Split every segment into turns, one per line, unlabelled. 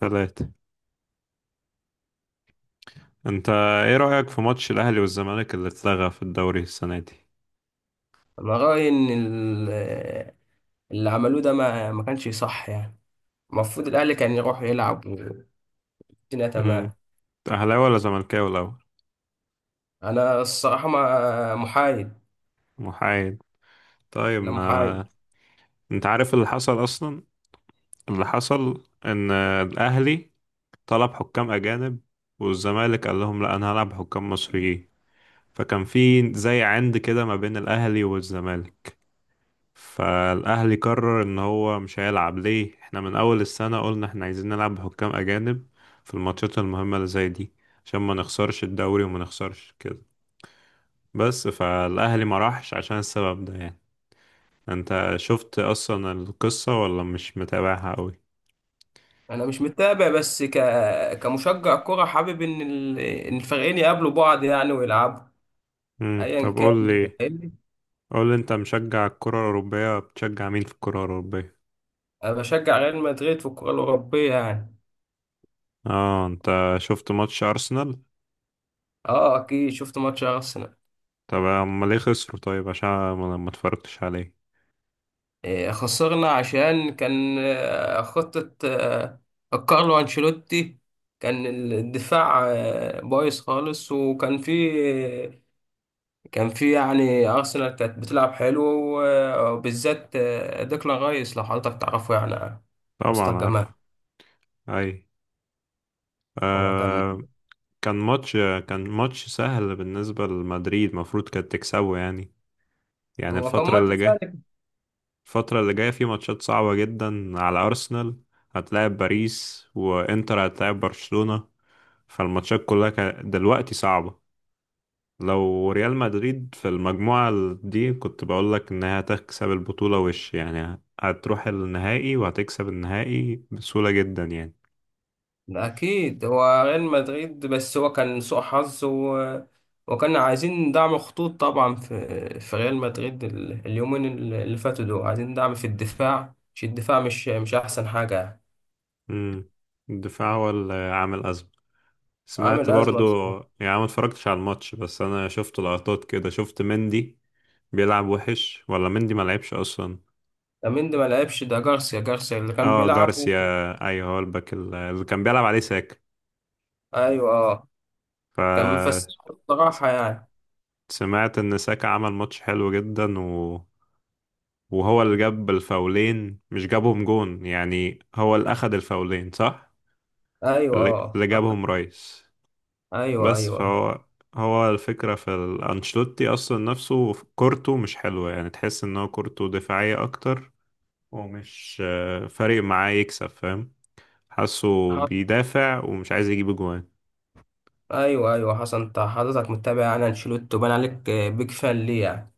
ثلاثة. انت، ايه رأيك في ماتش الاهلي والزمالك اللي اتلغى في الدوري السنة دي؟
انا رايي اللي عملوه ده ما كانش صح يعني. المفروض الاهلي كان يروح يلعب والدنيا تمام.
امم اهلاوي ولا زملكاوي الاول؟
انا الصراحه ما محايد.
محايد؟ طيب
انا محايد.
ما انت عارف اللي حصل اصلا؟ اللي حصل ان الاهلي طلب حكام اجانب، والزمالك قال لهم لا، انا هلعب حكام مصريين. فكان في زي عند كده ما بين الاهلي والزمالك. فالاهلي قرر ان هو مش هيلعب، ليه؟ احنا من اول السنة قلنا احنا عايزين نلعب بحكام اجانب في الماتشات المهمة اللي زي دي عشان ما نخسرش الدوري وما نخسرش كده. بس فالاهلي ما راحش عشان السبب ده يعني. انت شفت اصلا القصة ولا مش متابعها قوي؟
انا مش متابع كمشجع كره حابب ان الفريقين يقابلوا بعض يعني ويلعبوا ايا
طب
كان
قول
انت
لي
فاهمني.
قول لي انت مشجع الكرة الأوروبية، بتشجع مين في الكرة الأوروبية؟
انا بشجع ريال مدريد في الكره الاوروبيه يعني.
اه، انت شفت ماتش أرسنال؟
اه اكيد شفت ماتش ارسنال.
طب امال ليه خسروا؟ طيب عشان ما اتفرجتش عليه؟
خسرنا عشان كان خطة كارلو أنشيلوتي كان الدفاع بايظ خالص وكان في آه، كان في يعني أرسنال كانت بتلعب حلو وبالذات ديكلان رايس لو حضرتك تعرفه يعني. مستر
طبعا
جمال.
عارف. اي.
هو كان
آه. كان ماتش كان ماتش سهل بالنسبة لمدريد، المفروض كانت تكسبه يعني. يعني
هو كان
الفترة
ماتش
اللي جاية،
سهل.
في ماتشات صعبة جدا على أرسنال. هتلاعب باريس، وإنتر هتلاعب برشلونة. فالماتشات كلها دلوقتي صعبة. لو ريال مدريد في المجموعة دي، كنت بقولك إنها هتكسب البطولة وش يعني، هتروح النهائي وهتكسب النهائي بسهولة جدا يعني.
أكيد هو ريال مدريد بس هو كان سوء حظ وكان عايزين دعم خطوط طبعا في ريال مدريد اليومين اللي فاتوا دول عايزين دعم في الدفاع، مش الدفاع مش أحسن حاجة يعني.
مم. الدفاع هو اللي عامل أزمة. سمعت
عامل أزمة
برضو.
بصراحة.
يعني ما اتفرجتش على الماتش، بس انا شفت لقطات كده، شفت مندي بيلعب وحش ولا مندي ما لعبش اصلا؟
لامين دي ما لعبش، ده جارسيا اللي كان
اه،
بيلعب
جارسيا. ايوه هو الباك اللي كان بيلعب عليه ساكا.
أيوه أه. كان
ف
مفسح
س-
بصراحة يعني.
سمعت ان ساكا عمل ماتش حلو جدا، و... وهو اللي جاب الفاولين مش جابهم جون، يعني هو اللي اخد الفاولين صح؟
أيوه
اللي اللي
أه.
جابهم رايس.
أيوه
بس
أيوه.
هو الفكرة في أنشيلوتي أصلا، نفسه كورته مش حلوة يعني، تحس إن هو كورته دفاعية أكتر. ومش فارق معاه يكسب، فاهم؟ حاسه
حص...
بيدافع ومش عايز يجيب أجوان.
أيوه أيوه حسن. أنت حضرتك متابع يعني أنشيلوتي وبان عليك بيج فان ليه يعني.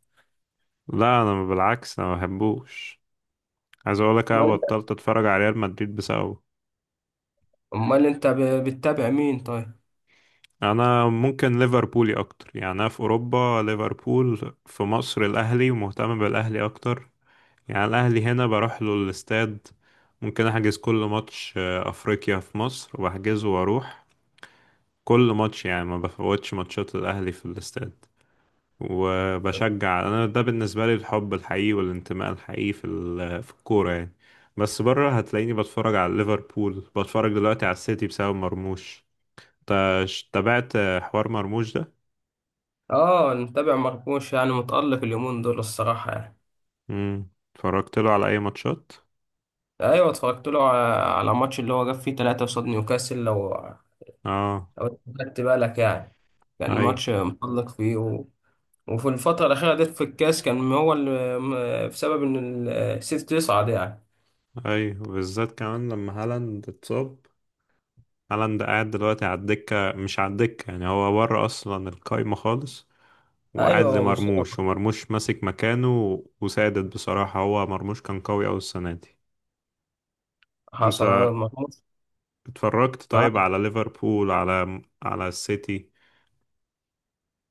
لا، أنا بالعكس، أنا ما بحبوش. عايز أقولك أنا بطلت أتفرج على ريال مدريد بسببه.
امال بتتابع مين طيب؟
أنا ممكن ليفربولي أكتر يعني. أنا في أوروبا ليفربول، في مصر الأهلي ومهتم بالأهلي أكتر. يعني الأهلي هنا بروح له الاستاد. ممكن أحجز كل ماتش أفريقيا في مصر وبحجزه وأروح. كل ماتش يعني، ما بفوتش ماتشات الأهلي في الاستاد. وبشجع أنا، ده بالنسبة لي الحب الحقيقي والانتماء الحقيقي في في الكورة يعني. بس بره هتلاقيني بتفرج على ليفربول، بتفرج دلوقتي على السيتي بسبب مرموش. تابعت حوار مرموش ده؟
اه متابع مرموش، يعني متألق اليومين دول الصراحة يعني.
مم. اتفرجت له على أي ماتشات؟
ايوه اتفرجت له على ماتش اللي هو جاب فيه ثلاثة قصاد نيوكاسل، لو
اه.
لو خدت بالك يعني. كان
اي.
ماتش متألق فيه وفي الفترة الأخيرة ديت في الكاس كان هو بسبب إن السيتي تصعد يعني.
اي، وبالذات كمان لما هالاند اتصاب. هالاند قاعد دلوقتي على الدكة، مش على الدكة، يعني هو بره أصلا القايمة خالص. وقاعد
أيوه مصاب.
لمرموش، ومرموش ماسك مكانه وسادد بصراحة. هو مرموش كان قوي أوي السنة دي.
حصل
أنت
مرموش.
اتفرجت طيب على ليفربول، على السيتي؟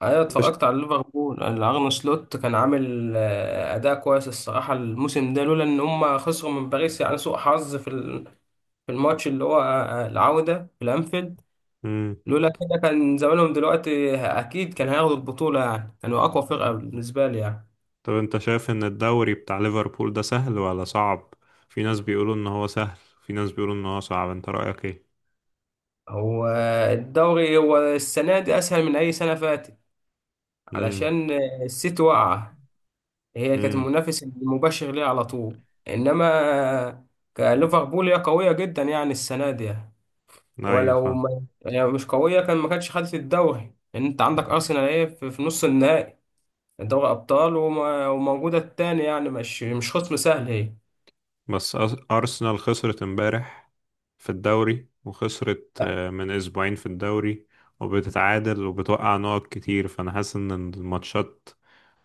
انا
أنت ش...
اتفرجت على ليفربول، الارن سلوت كان عامل اداء كويس الصراحه الموسم ده لولا ان هم خسروا من باريس يعني سوء حظ في الماتش اللي هو العوده في الانفيلد.
مم.
لولا كده كان زمانهم دلوقتي اكيد كان هياخدوا البطوله يعني، كانوا اقوى فرقه بالنسبه لي يعني.
طب أنت شايف إن الدوري بتاع ليفربول ده سهل ولا صعب؟ في ناس بيقولوا إن هو سهل، في ناس بيقولوا إن هو صعب، أنت رأيك إيه؟
هو الدوري هو السنه دي اسهل من اي سنه فاتت
امم
علشان السيتي واقعه. هي كانت
امم
المنافس المباشر ليها على طول. انما آه، كليفربول هي قويه جدا يعني السنه دي يعني.
أيوة
ولو
فاهم.
ما يعني مش قوية كان ما كانتش خدت الدوري، لأن أنت عندك أرسنال إيه في نص النهائي دوري أبطال وموجودة التاني يعني مش خصم سهل هي.
بس أرسنال خسرت امبارح في الدوري، وخسرت
لا،
من أسبوعين في الدوري، وبتتعادل وبتوقع نقط كتير، فأنا حاسس إن الماتشات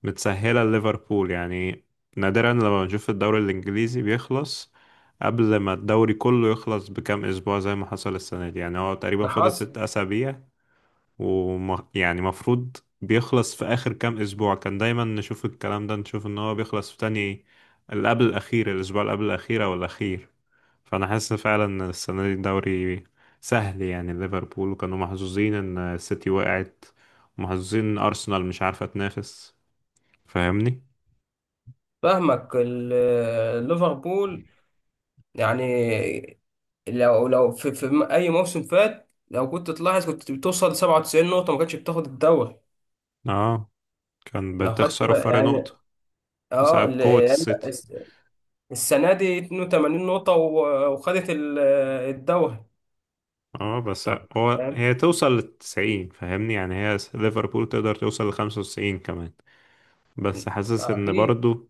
متسهلة لليفربول يعني. نادرا لما بنشوف الدوري الإنجليزي بيخلص قبل ما الدوري كله يخلص بكام أسبوع، زي ما حصل السنة دي. يعني هو تقريبا
ده
فاضل
حصل.
ست أسابيع. يعني مفروض بيخلص في آخر كام أسبوع، كان دايما نشوف الكلام ده، نشوف إن هو بيخلص في تاني اللي قبل الأخير، الأسبوع اللي قبل الأخير أو الأخير. فانا حاسس فعلا السنه دي الدوري سهل يعني ليفربول، وكانوا محظوظين ان السيتي وقعت ومحظوظين ان ارسنال مش عارفه تنافس. فاهمني؟
فاهمك ليفربول يعني لو أي موسم فات لو كنت تلاحظ كنت بتوصل 97 نقطة ما كانتش بتاخد الدوري.
اه، كان
لو خدت
بتخسروا
بقى
فرق
يعني
نقطه
اه
بسبب قوه السيتي.
السنة دي 82 نقطة وخدت الدوري.
اه بس
طب
هو، هي توصل للتسعين فاهمني يعني، ليفربول تقدر توصل لخمسة وتسعين كمان. بس حاسس ان
اكيد.
برضو،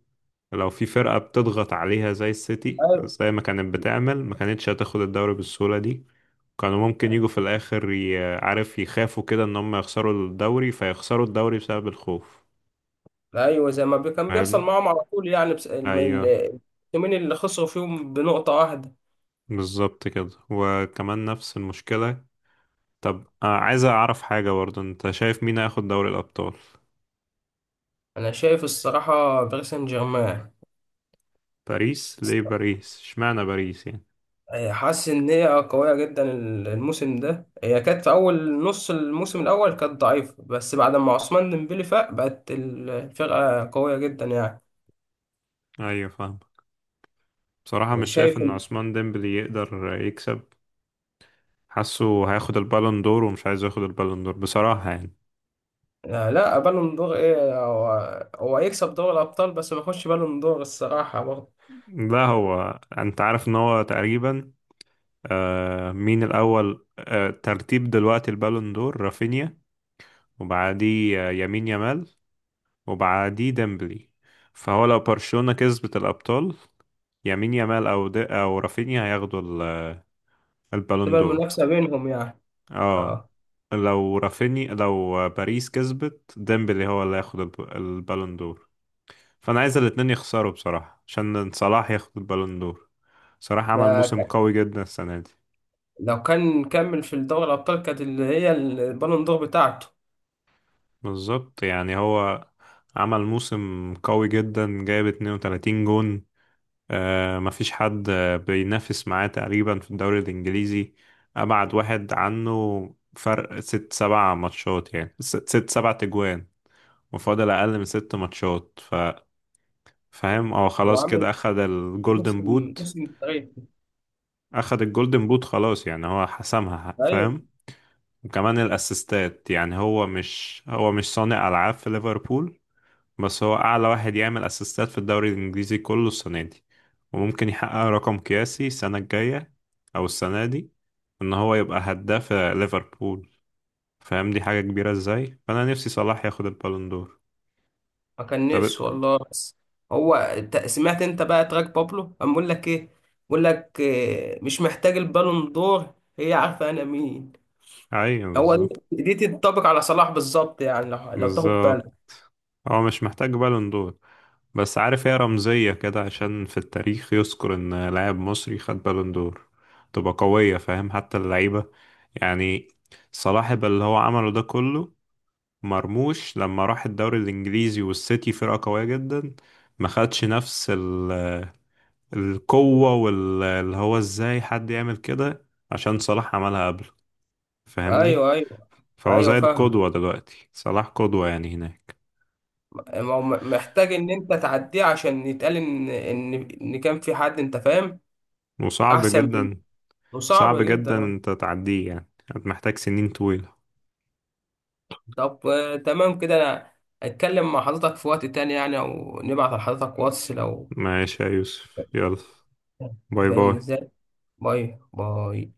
لو في فرقة بتضغط عليها زي السيتي
ايوه
زي ما كانت بتعمل، ما كانتش هتاخد الدوري بالسهولة دي. كانوا ممكن يجوا في الآخر عارف، يخافوا كده إن هم يخسروا الدوري فيخسروا الدوري بسبب الخوف.
ايوه، زي ما بي- كان بيحصل
فاهمني؟
معاهم على طول يعني، بس
أيوه
التيمين اللي خسروا فيهم بنقطة واحدة.
بالظبط كده، وكمان نفس المشكلة. طب عايز أعرف حاجة برضه، أنت شايف مين هياخد دوري الأبطال؟
انا شايف الصراحة باريس سان جيرمان.
باريس؟ ليه باريس؟ اشمعنى باريس يعني؟
هي حاسس ان هي قوية جدا الموسم ده، هي كانت في اول نص الموسم الاول كانت ضعيفة بس بعد ما عثمان ديمبلي فاق بقت الفرقة قوية جدا يعني.
أيوه فاهم. بصراحة مش شايف
وشايف
إن
إن-
عثمان ديمبلي يقدر يكسب. حاسه هياخد البالون دور، ومش عايز ياخد البالون دور بصراحة يعني.
لا بالون دور ايه هو، هو هيكسب دوري الابطال بس ما يخش بالون دور الصراحة برضه.
لا، هو انت عارف ان هو تقريبا مين الأول، ترتيب دلوقتي البالون دور رافينيا، وبعديه يمين يامال، وبعديه ديمبلي. فهو لو برشلونة كسبت الأبطال، يمين يامال أو رافينيا هياخدوا البالون
تبقى
دور.
المنافسة بينهم يعني.
اه،
اه.
لو رافينيا، لو باريس كسبت ديمبلي هو اللي هياخد البالون دور. فأنا عايز الاتنين يخسروا بصراحة عشان صلاح ياخد البالون دور. صلاح عمل
ده
موسم
كان
قوي جدا السنة دي.
لو كان كمل في دوري الأبطال كانت اللي هي البالون دور بتاعته.
بالظبط يعني هو عمل موسم قوي جدا، جايب 32 جون. آه مفيش حد بينافس معاه تقريبا في الدوري الإنجليزي. أبعد واحد عنه فرق ست سبع ماتشات، يعني ست سبع تجوان. وفاضل أقل من ست ماتشات. فاهم، هو
هو
خلاص
عامل
كده أخد الجولدن
موسم
بوت.
موسم تاريخي.
أخد الجولدن بوت خلاص يعني هو حسمها،
أيوة.
فاهم. وكمان الأسيستات يعني، هو مش صانع ألعاب في ليفربول، بس هو أعلى واحد يعمل أسيستات في الدوري الإنجليزي كله السنة دي. وممكن يحقق رقم قياسي السنة الجاية أو السنة دي، إن هو يبقى هداف ليفربول. فاهم دي حاجة كبيرة إزاي. فأنا نفسي صلاح ياخد البالون دور.
ما كان
طب.
نفسه والله. بس هو أنت سمعت أنت بقى تراك بابلو قام بيقول لك إيه؟ بيقول لك إيه، مش محتاج البالون دور هي عارفة أنا مين.
أيوة
هو
بالظبط.
دي، دي تنطبق على صلاح بالظبط يعني لو تاخد
بالظبط
بالك.
هو مش محتاج بالون دور. بس عارف هي رمزية كده، عشان في التاريخ يذكر إن لاعب مصري خد بالون دور تبقى قوية، فاهم؟ حتى اللعيبة يعني، صلاح اللي هو عمله ده كله، مرموش لما راح الدوري الانجليزي والسيتي فرقة قوية جدا ما خدش نفس القوة، واللي هو ازاي حد يعمل كده عشان صلاح عملها قبل. فاهمني؟
أيوه أيوه.
فهو
ايوه
زي
فاهم.
القدوة دلوقتي، صلاح قدوة يعني هناك.
ما هو محتاج ان انت تعديه عشان يتقال ان ان كان في حد، انت فاهم.
وصعب
احسن.
جدا.
وصعب
صعب جدا
جدا
انت تعديه يعني، محتاج سنين طويلة.
طب تمام كده. انا اتكلم مع حضرتك في وقت تاني يعني او نبعت لحضرتك واتس لو.
ماشي يا يوسف، يلا. باي
فاهمني
باي.
ازاي. باي باي.